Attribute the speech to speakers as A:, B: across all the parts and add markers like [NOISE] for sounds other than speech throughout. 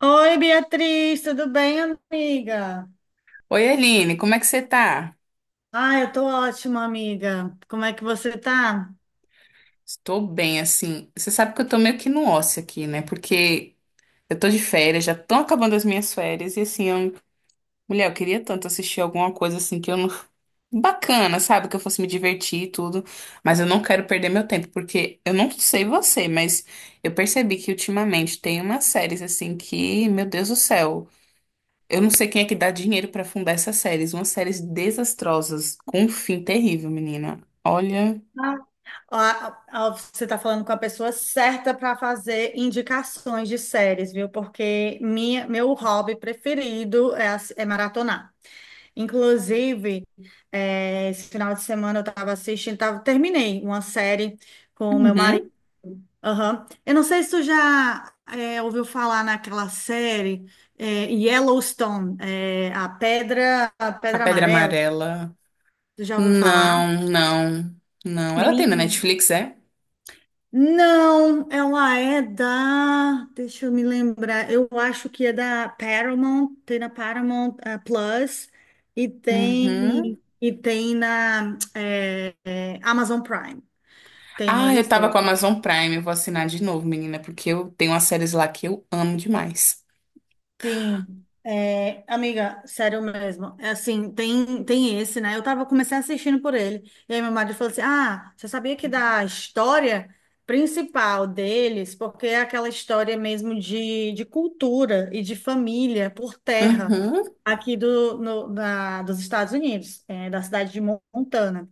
A: Oi, Beatriz, tudo bem, amiga?
B: Oi, Aline, como é que você tá?
A: Ah, eu tô ótima, amiga. Como é que você tá?
B: Estou bem, assim. Você sabe que eu tô meio que no ócio aqui, né? Porque eu tô de férias, já estão acabando as minhas férias, e assim, eu... mulher, eu queria tanto assistir alguma coisa assim que eu não. [LAUGHS] Bacana, sabe? Que eu fosse me divertir e tudo. Mas eu não quero perder meu tempo, porque eu não sei você, mas eu percebi que ultimamente tem umas séries assim que, meu Deus do céu. Eu não sei quem é que dá dinheiro pra fundar essas séries. Umas séries desastrosas, com um fim terrível, menina. Olha.
A: Ah, Ó, ó, você tá falando com a pessoa certa para fazer indicações de séries, viu? Porque meu hobby preferido é, é maratonar. Inclusive, esse final de semana eu tava assistindo, tava, terminei uma série com o meu marido.
B: Uhum.
A: Aham. Eu não sei se tu já ouviu falar naquela série Yellowstone, é, a
B: A
A: Pedra
B: Pedra
A: Amarela.
B: Amarela.
A: Tu já ouviu falar?
B: Não, não, não. Ela tem na
A: Menina.
B: Netflix, é?
A: Não, ela é da. Deixa eu me lembrar. Eu acho que é da Paramount, tem na Paramount Plus e
B: Uhum.
A: tem na Amazon Prime. Tem
B: Ah, eu
A: neles.
B: tava com a Amazon Prime. Eu vou assinar de novo, menina, porque eu tenho umas séries lá que eu amo demais.
A: Sim, é, amiga, sério mesmo. É assim, tem esse, né? Eu tava, comecei assistindo por ele. E aí meu marido falou assim: Ah, você sabia que da história principal deles, porque é aquela história mesmo de cultura e de família por terra
B: Uhum.
A: aqui do, no, da, dos Estados Unidos, é, da cidade de Montana.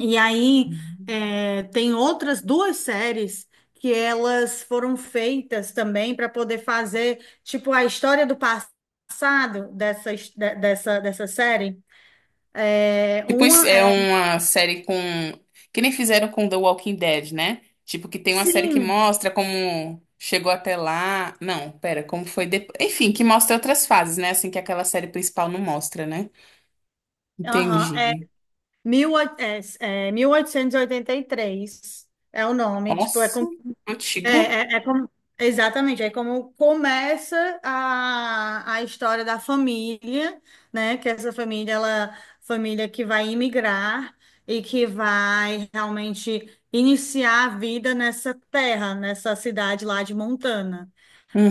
A: E aí, é, tem outras duas séries que elas foram feitas também para poder fazer, tipo, a história do passado dessa, dessa série. É,
B: Tipo, isso
A: uma
B: é
A: é,
B: uma série com. Que nem fizeram com The Walking Dead, né? Tipo, que tem uma série que
A: sim,
B: mostra como chegou até lá. Não, pera, como foi depois. Enfim, que mostra outras fases, né? Assim que aquela série principal não mostra, né?
A: aham,
B: Entendi.
A: é, é 1883 é o nome, tipo, é
B: Nossa,
A: como. É,
B: antiga.
A: é como, exatamente, é como começa a história da família, né? Que essa família, ela, família que vai imigrar e que vai realmente iniciar a vida nessa terra, nessa cidade lá de Montana.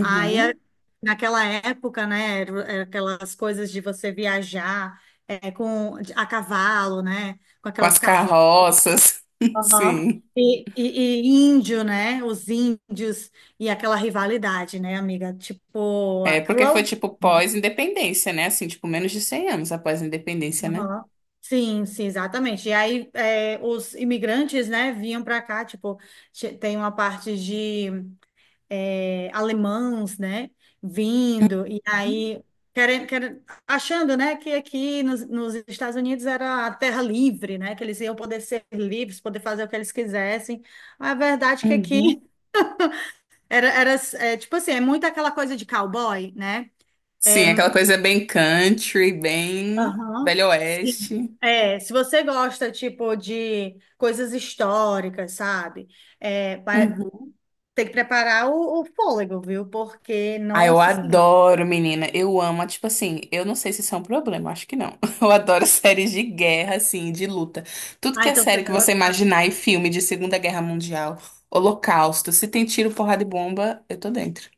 A: Aí, naquela época, né, era aquelas coisas de você viajar é, com, a cavalo, né? Com
B: Com as
A: aquelas carroças.
B: carroças. [LAUGHS]
A: Aham.
B: Sim.
A: E índio, né? Os índios e aquela rivalidade, né, amiga? Tipo, a
B: É, porque foi
A: crueldade.
B: tipo pós-independência, né? Assim, tipo, menos de 100 anos após a independência, né?
A: Aham. Sim, exatamente. E aí, é, os imigrantes, né, vinham para cá, tipo, tem uma parte de é, alemães, né, vindo, e aí, querendo, querendo, achando, né, que aqui nos Estados Unidos era a terra livre, né, que eles iam poder ser livres, poder fazer o que eles quisessem. A verdade é que aqui
B: Uhum.
A: era, era é, tipo assim, é muito aquela coisa de cowboy, né? É,
B: Sim, aquela coisa bem country, bem
A: aham.
B: velho
A: Sim.
B: oeste.
A: É, se você gosta, tipo, de coisas históricas, sabe? É, vai-
B: Uhum.
A: tem que preparar o fôlego, viu? Porque,
B: Ah, eu
A: nossa, sim.
B: adoro, menina. Eu amo, tipo assim, eu não sei se isso é um problema, acho que não. [LAUGHS] Eu adoro séries de guerra, assim, de luta. Tudo que
A: Ah,
B: é
A: então você
B: série que
A: vai
B: você
A: gostar.
B: imaginar e filme de Segunda Guerra Mundial, Holocausto, se tem tiro, porrada e bomba, eu tô dentro.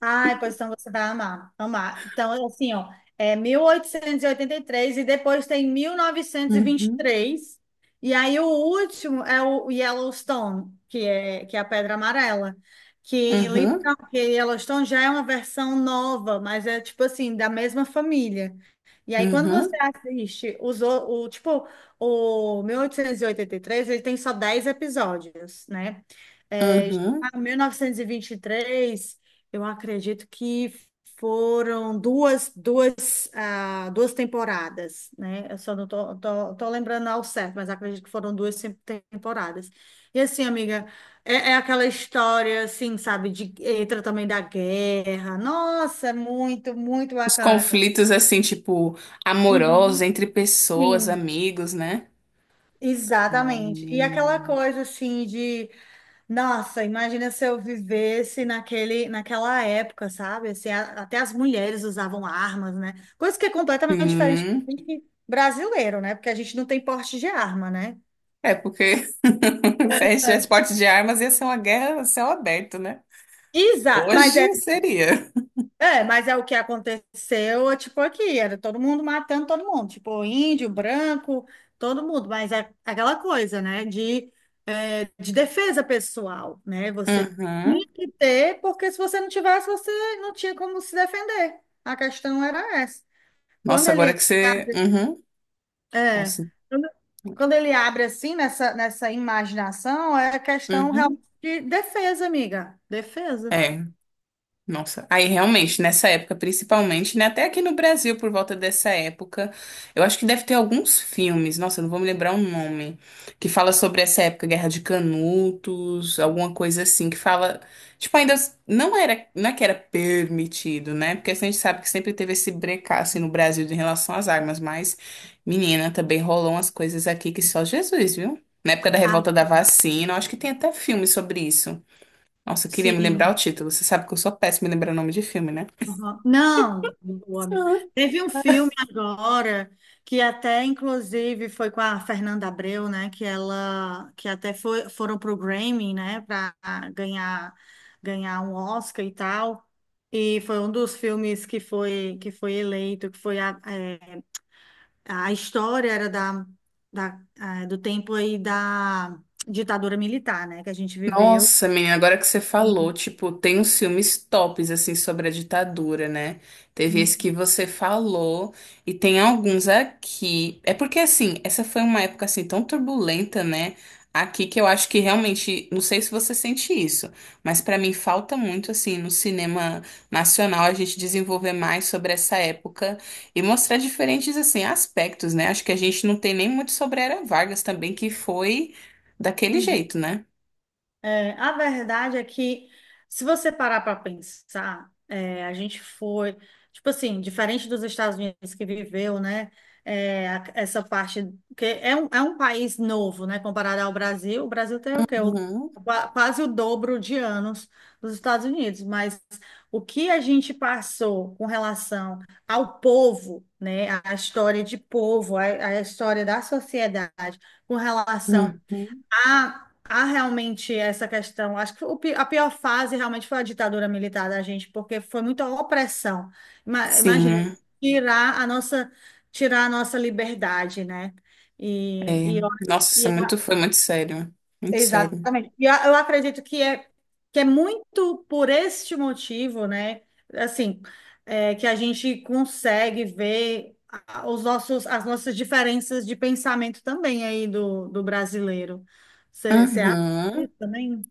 A: Ai, pois então você vai amar, amar. Então, assim, ó, é mil oitocentos e oitenta e três e depois tem mil novecentos E vinte e e
B: Uhum.
A: três E aí o último é o Yellowstone, que é a Pedra Amarela. Que,
B: Uhum.
A: literal, que Yellowstone já é uma versão nova, mas é, tipo assim, da mesma família. E aí, quando você
B: Uhum,
A: assiste o, tipo, o mil oitocentos e oitenta e três ele tem só 10 episódios, né? É, já
B: uhum.
A: tá 1923, eu acredito que foram duas, ah, duas temporadas, né? Eu só não tô lembrando ao certo, mas acredito que foram duas temporadas. E assim, amiga, é aquela história, assim, sabe, de entra também da guerra. Nossa, é muito, muito
B: Os
A: bacana.
B: conflitos, assim, tipo, amorosos
A: Uhum.
B: entre pessoas,
A: Sim,
B: amigos, né?
A: exatamente. E aquela
B: Hum.
A: coisa, assim, de nossa, imagina se eu vivesse naquela época, sabe? Assim, até as mulheres usavam armas, né? Coisa que é completamente diferente
B: Hum.
A: do brasileiro, né? Porque a gente não tem porte de arma, né?
B: É porque [LAUGHS] se a gente tivesse porte de armas, ia ser uma guerra a céu aberto, né?
A: Exato, mas é
B: Hoje seria.
A: é, mas é o que aconteceu, é, tipo, aqui, era todo mundo matando todo mundo, tipo, índio, branco, todo mundo, mas é aquela coisa, né, de, é, de defesa pessoal, né, você tinha
B: Uhum.
A: que ter, porque se você não tivesse, você não tinha como se defender, a questão era essa. Quando
B: Nossa, agora
A: ele,
B: que você. Uhum.
A: é,
B: Nossa.
A: quando, quando ele abre assim, nessa imaginação, é questão realmente
B: Uhum.
A: de defesa, amiga, defesa.
B: É. Nossa, aí realmente, nessa época, principalmente, né? Até aqui no Brasil, por volta dessa época, eu acho que deve ter alguns filmes, nossa, eu não vou me lembrar o nome, que fala sobre essa época, Guerra de Canutos, alguma coisa assim, que fala, tipo, ainda não era, não é que era permitido, né? Porque assim, a gente sabe que sempre teve esse brecaço no Brasil em relação às armas, mas, menina, também rolou umas coisas aqui que só Jesus, viu? Na época da
A: Ah,
B: revolta da vacina, eu acho que tem até filme sobre isso. Nossa, eu queria me lembrar
A: sim.
B: o título. Você sabe que eu sou péssima em lembrar o nome de filme, né?
A: Aham. Não, o amigo. Teve um filme agora que até inclusive foi com a Fernanda Abreu, né? Que ela, que até foi, foram pro Grammy, né? Para ganhar, ganhar um Oscar e tal. E foi um dos filmes que foi eleito, que foi a, é, a história era da, da é, do tempo aí da ditadura militar, né? Que a gente viveu.
B: Nossa, menina, agora que você falou, tipo, tem uns filmes tops, assim, sobre a ditadura, né? Teve esse que você falou, e tem alguns aqui. É porque, assim, essa foi uma época, assim, tão turbulenta, né? Aqui que eu acho que realmente, não sei se você sente isso, mas pra mim falta muito, assim, no cinema nacional a gente desenvolver mais sobre essa época e mostrar diferentes, assim, aspectos, né? Acho que a gente não tem nem muito sobre a Era Vargas também, que foi daquele
A: Uhum.
B: jeito, né?
A: É, a verdade é que, se você parar para pensar, é, a gente foi, tipo assim, diferente dos Estados Unidos que viveu, né? É, essa parte, que é um país novo, né? Comparado ao Brasil, o Brasil tem o quê?
B: Uhum.
A: Quase o dobro de anos dos Estados Unidos, mas o que a gente passou com relação ao povo, né? A história de povo, a história da sociedade, com relação
B: Uhum.
A: há, há realmente essa questão. Acho que a pior fase realmente foi a ditadura militar da gente, porque foi muita opressão.
B: Sim,
A: Imagina,
B: é.
A: tirar a nossa, tirar a nossa liberdade, né? E,
B: É.
A: e, eu-
B: Nossa,
A: e
B: isso é
A: eu
B: muito, foi muito sério. Muito sério.
A: exatamente. E eu acredito que é muito por este motivo, né? Assim, é, que a gente consegue ver os nossos, as nossas diferenças de pensamento também aí do brasileiro. Você acha isso
B: Uhum.
A: também?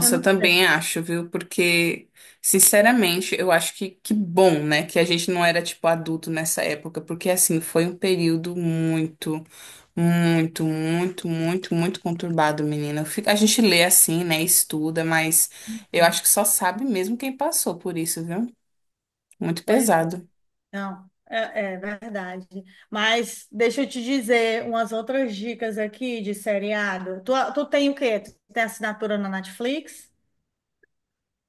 A: Eu
B: eu
A: não sei.
B: também acho, viu? Porque, sinceramente, eu acho que bom, né? Que a gente não era, tipo, adulto nessa época. Porque, assim, foi um período muito, muito, muito, muito, muito conturbado, menina. Fica- A gente lê assim, né? Estuda, mas eu acho que só sabe mesmo quem passou por isso, viu? Muito
A: Pois é.
B: pesado.
A: Não. É, é verdade. Mas deixa eu te dizer umas outras dicas aqui de seriado. Tu tem o quê? Tu tem assinatura na Netflix?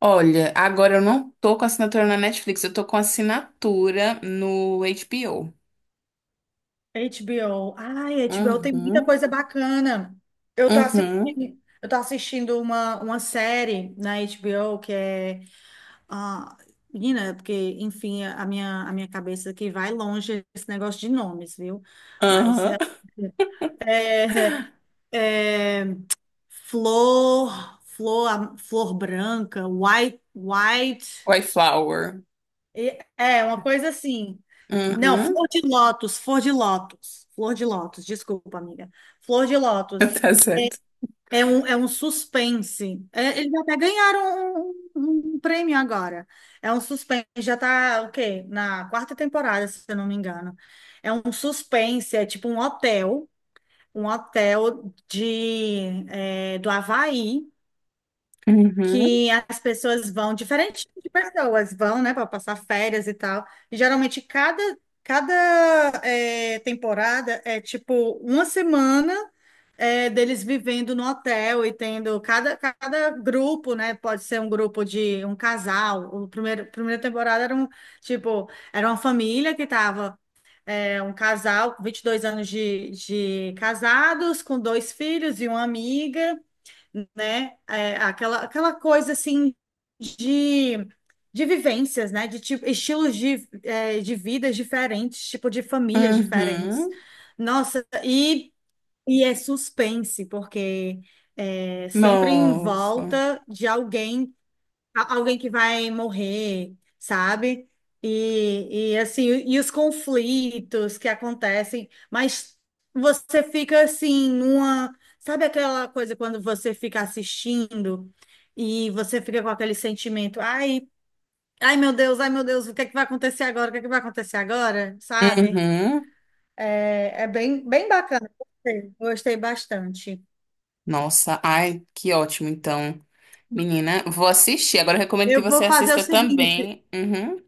B: Olha, agora eu não tô com assinatura na Netflix, eu tô com assinatura no HBO.
A: HBO. Ai, HBO tem muita
B: Uhum,
A: coisa bacana.
B: uhum,
A: Eu tô assistindo uma série na HBO que é. Ah, menina, porque, enfim, a minha cabeça aqui vai longe esse negócio de nomes, viu? Mas
B: aham.
A: é, Flor Branca, White.
B: Wildflower.
A: É, uma coisa assim. Não,
B: Uhum,
A: Flor de Lótus, desculpa, amiga. Flor de Lótus.
B: [LAUGHS] tá certo.
A: É um suspense. É, eles até ganharam um, um prêmio agora. É um suspense. Já tá, o quê? Na quarta temporada, se eu não me engano. É um suspense, é tipo um hotel de, é, do Havaí
B: Uhum,
A: que as pessoas vão, diferente de pessoas vão, né, para passar férias e tal. E geralmente cada é, temporada é tipo uma semana é, deles vivendo no hotel e tendo cada grupo, né? Pode ser um grupo de um casal. Primeira temporada era um tipo, era uma família que tava. É, um casal, 22 anos de casados, com dois filhos e uma amiga, né? É, aquela coisa assim de, de vivências, né? De tipo, estilos de, é, de vidas diferentes, tipo de famílias diferentes.
B: uhum.
A: Nossa, e é suspense, porque é sempre em
B: Nossa.
A: volta de alguém alguém que vai morrer, sabe? E assim, e os conflitos que acontecem, mas você fica assim numa, sabe aquela coisa quando você fica assistindo e você fica com aquele sentimento, ai, ai meu Deus, o que é que vai acontecer agora? O que é que vai acontecer agora? Sabe?
B: Uhum.
A: É, é bem, bem bacana. Gostei, gostei bastante.
B: Nossa, ai, que ótimo, então. Menina, vou assistir. Agora eu recomendo que
A: Eu
B: você
A: vou fazer o
B: assista
A: seguinte.
B: também. Uhum.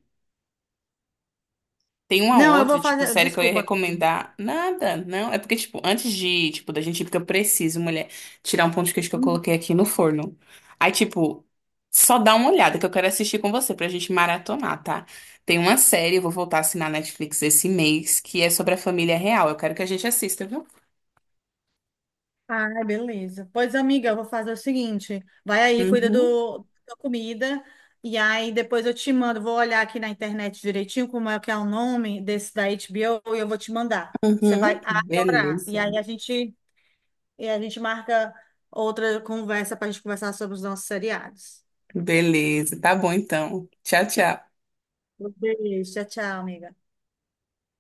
B: Tem uma
A: Não, eu
B: outra,
A: vou
B: tipo,
A: fazer.
B: série que eu ia
A: Desculpa.
B: recomendar. Nada, não. É porque, tipo, antes de, tipo, da gente ir, porque eu preciso, mulher, tirar um pão de queijo que eu coloquei aqui no forno. Aí, tipo, só dá uma olhada que eu quero assistir com você pra gente maratonar, tá? Tem uma série, eu vou voltar a assinar Netflix esse mês, que é sobre a família real. Eu quero que a gente assista, viu?
A: Ah, beleza. Pois, amiga, eu vou fazer o seguinte: vai aí, cuida
B: Uhum,
A: do, da comida, e aí depois eu te mando. Vou olhar aqui na internet direitinho como é que é o nome desse da HBO e eu vou te mandar. Você
B: uhum.
A: vai adorar. E
B: Beleza.
A: aí a gente, e a gente marca outra conversa para a gente conversar sobre os nossos seriados.
B: Beleza. Tá bom, então. Tchau, tchau.
A: Um beijo, tchau, tchau, amiga.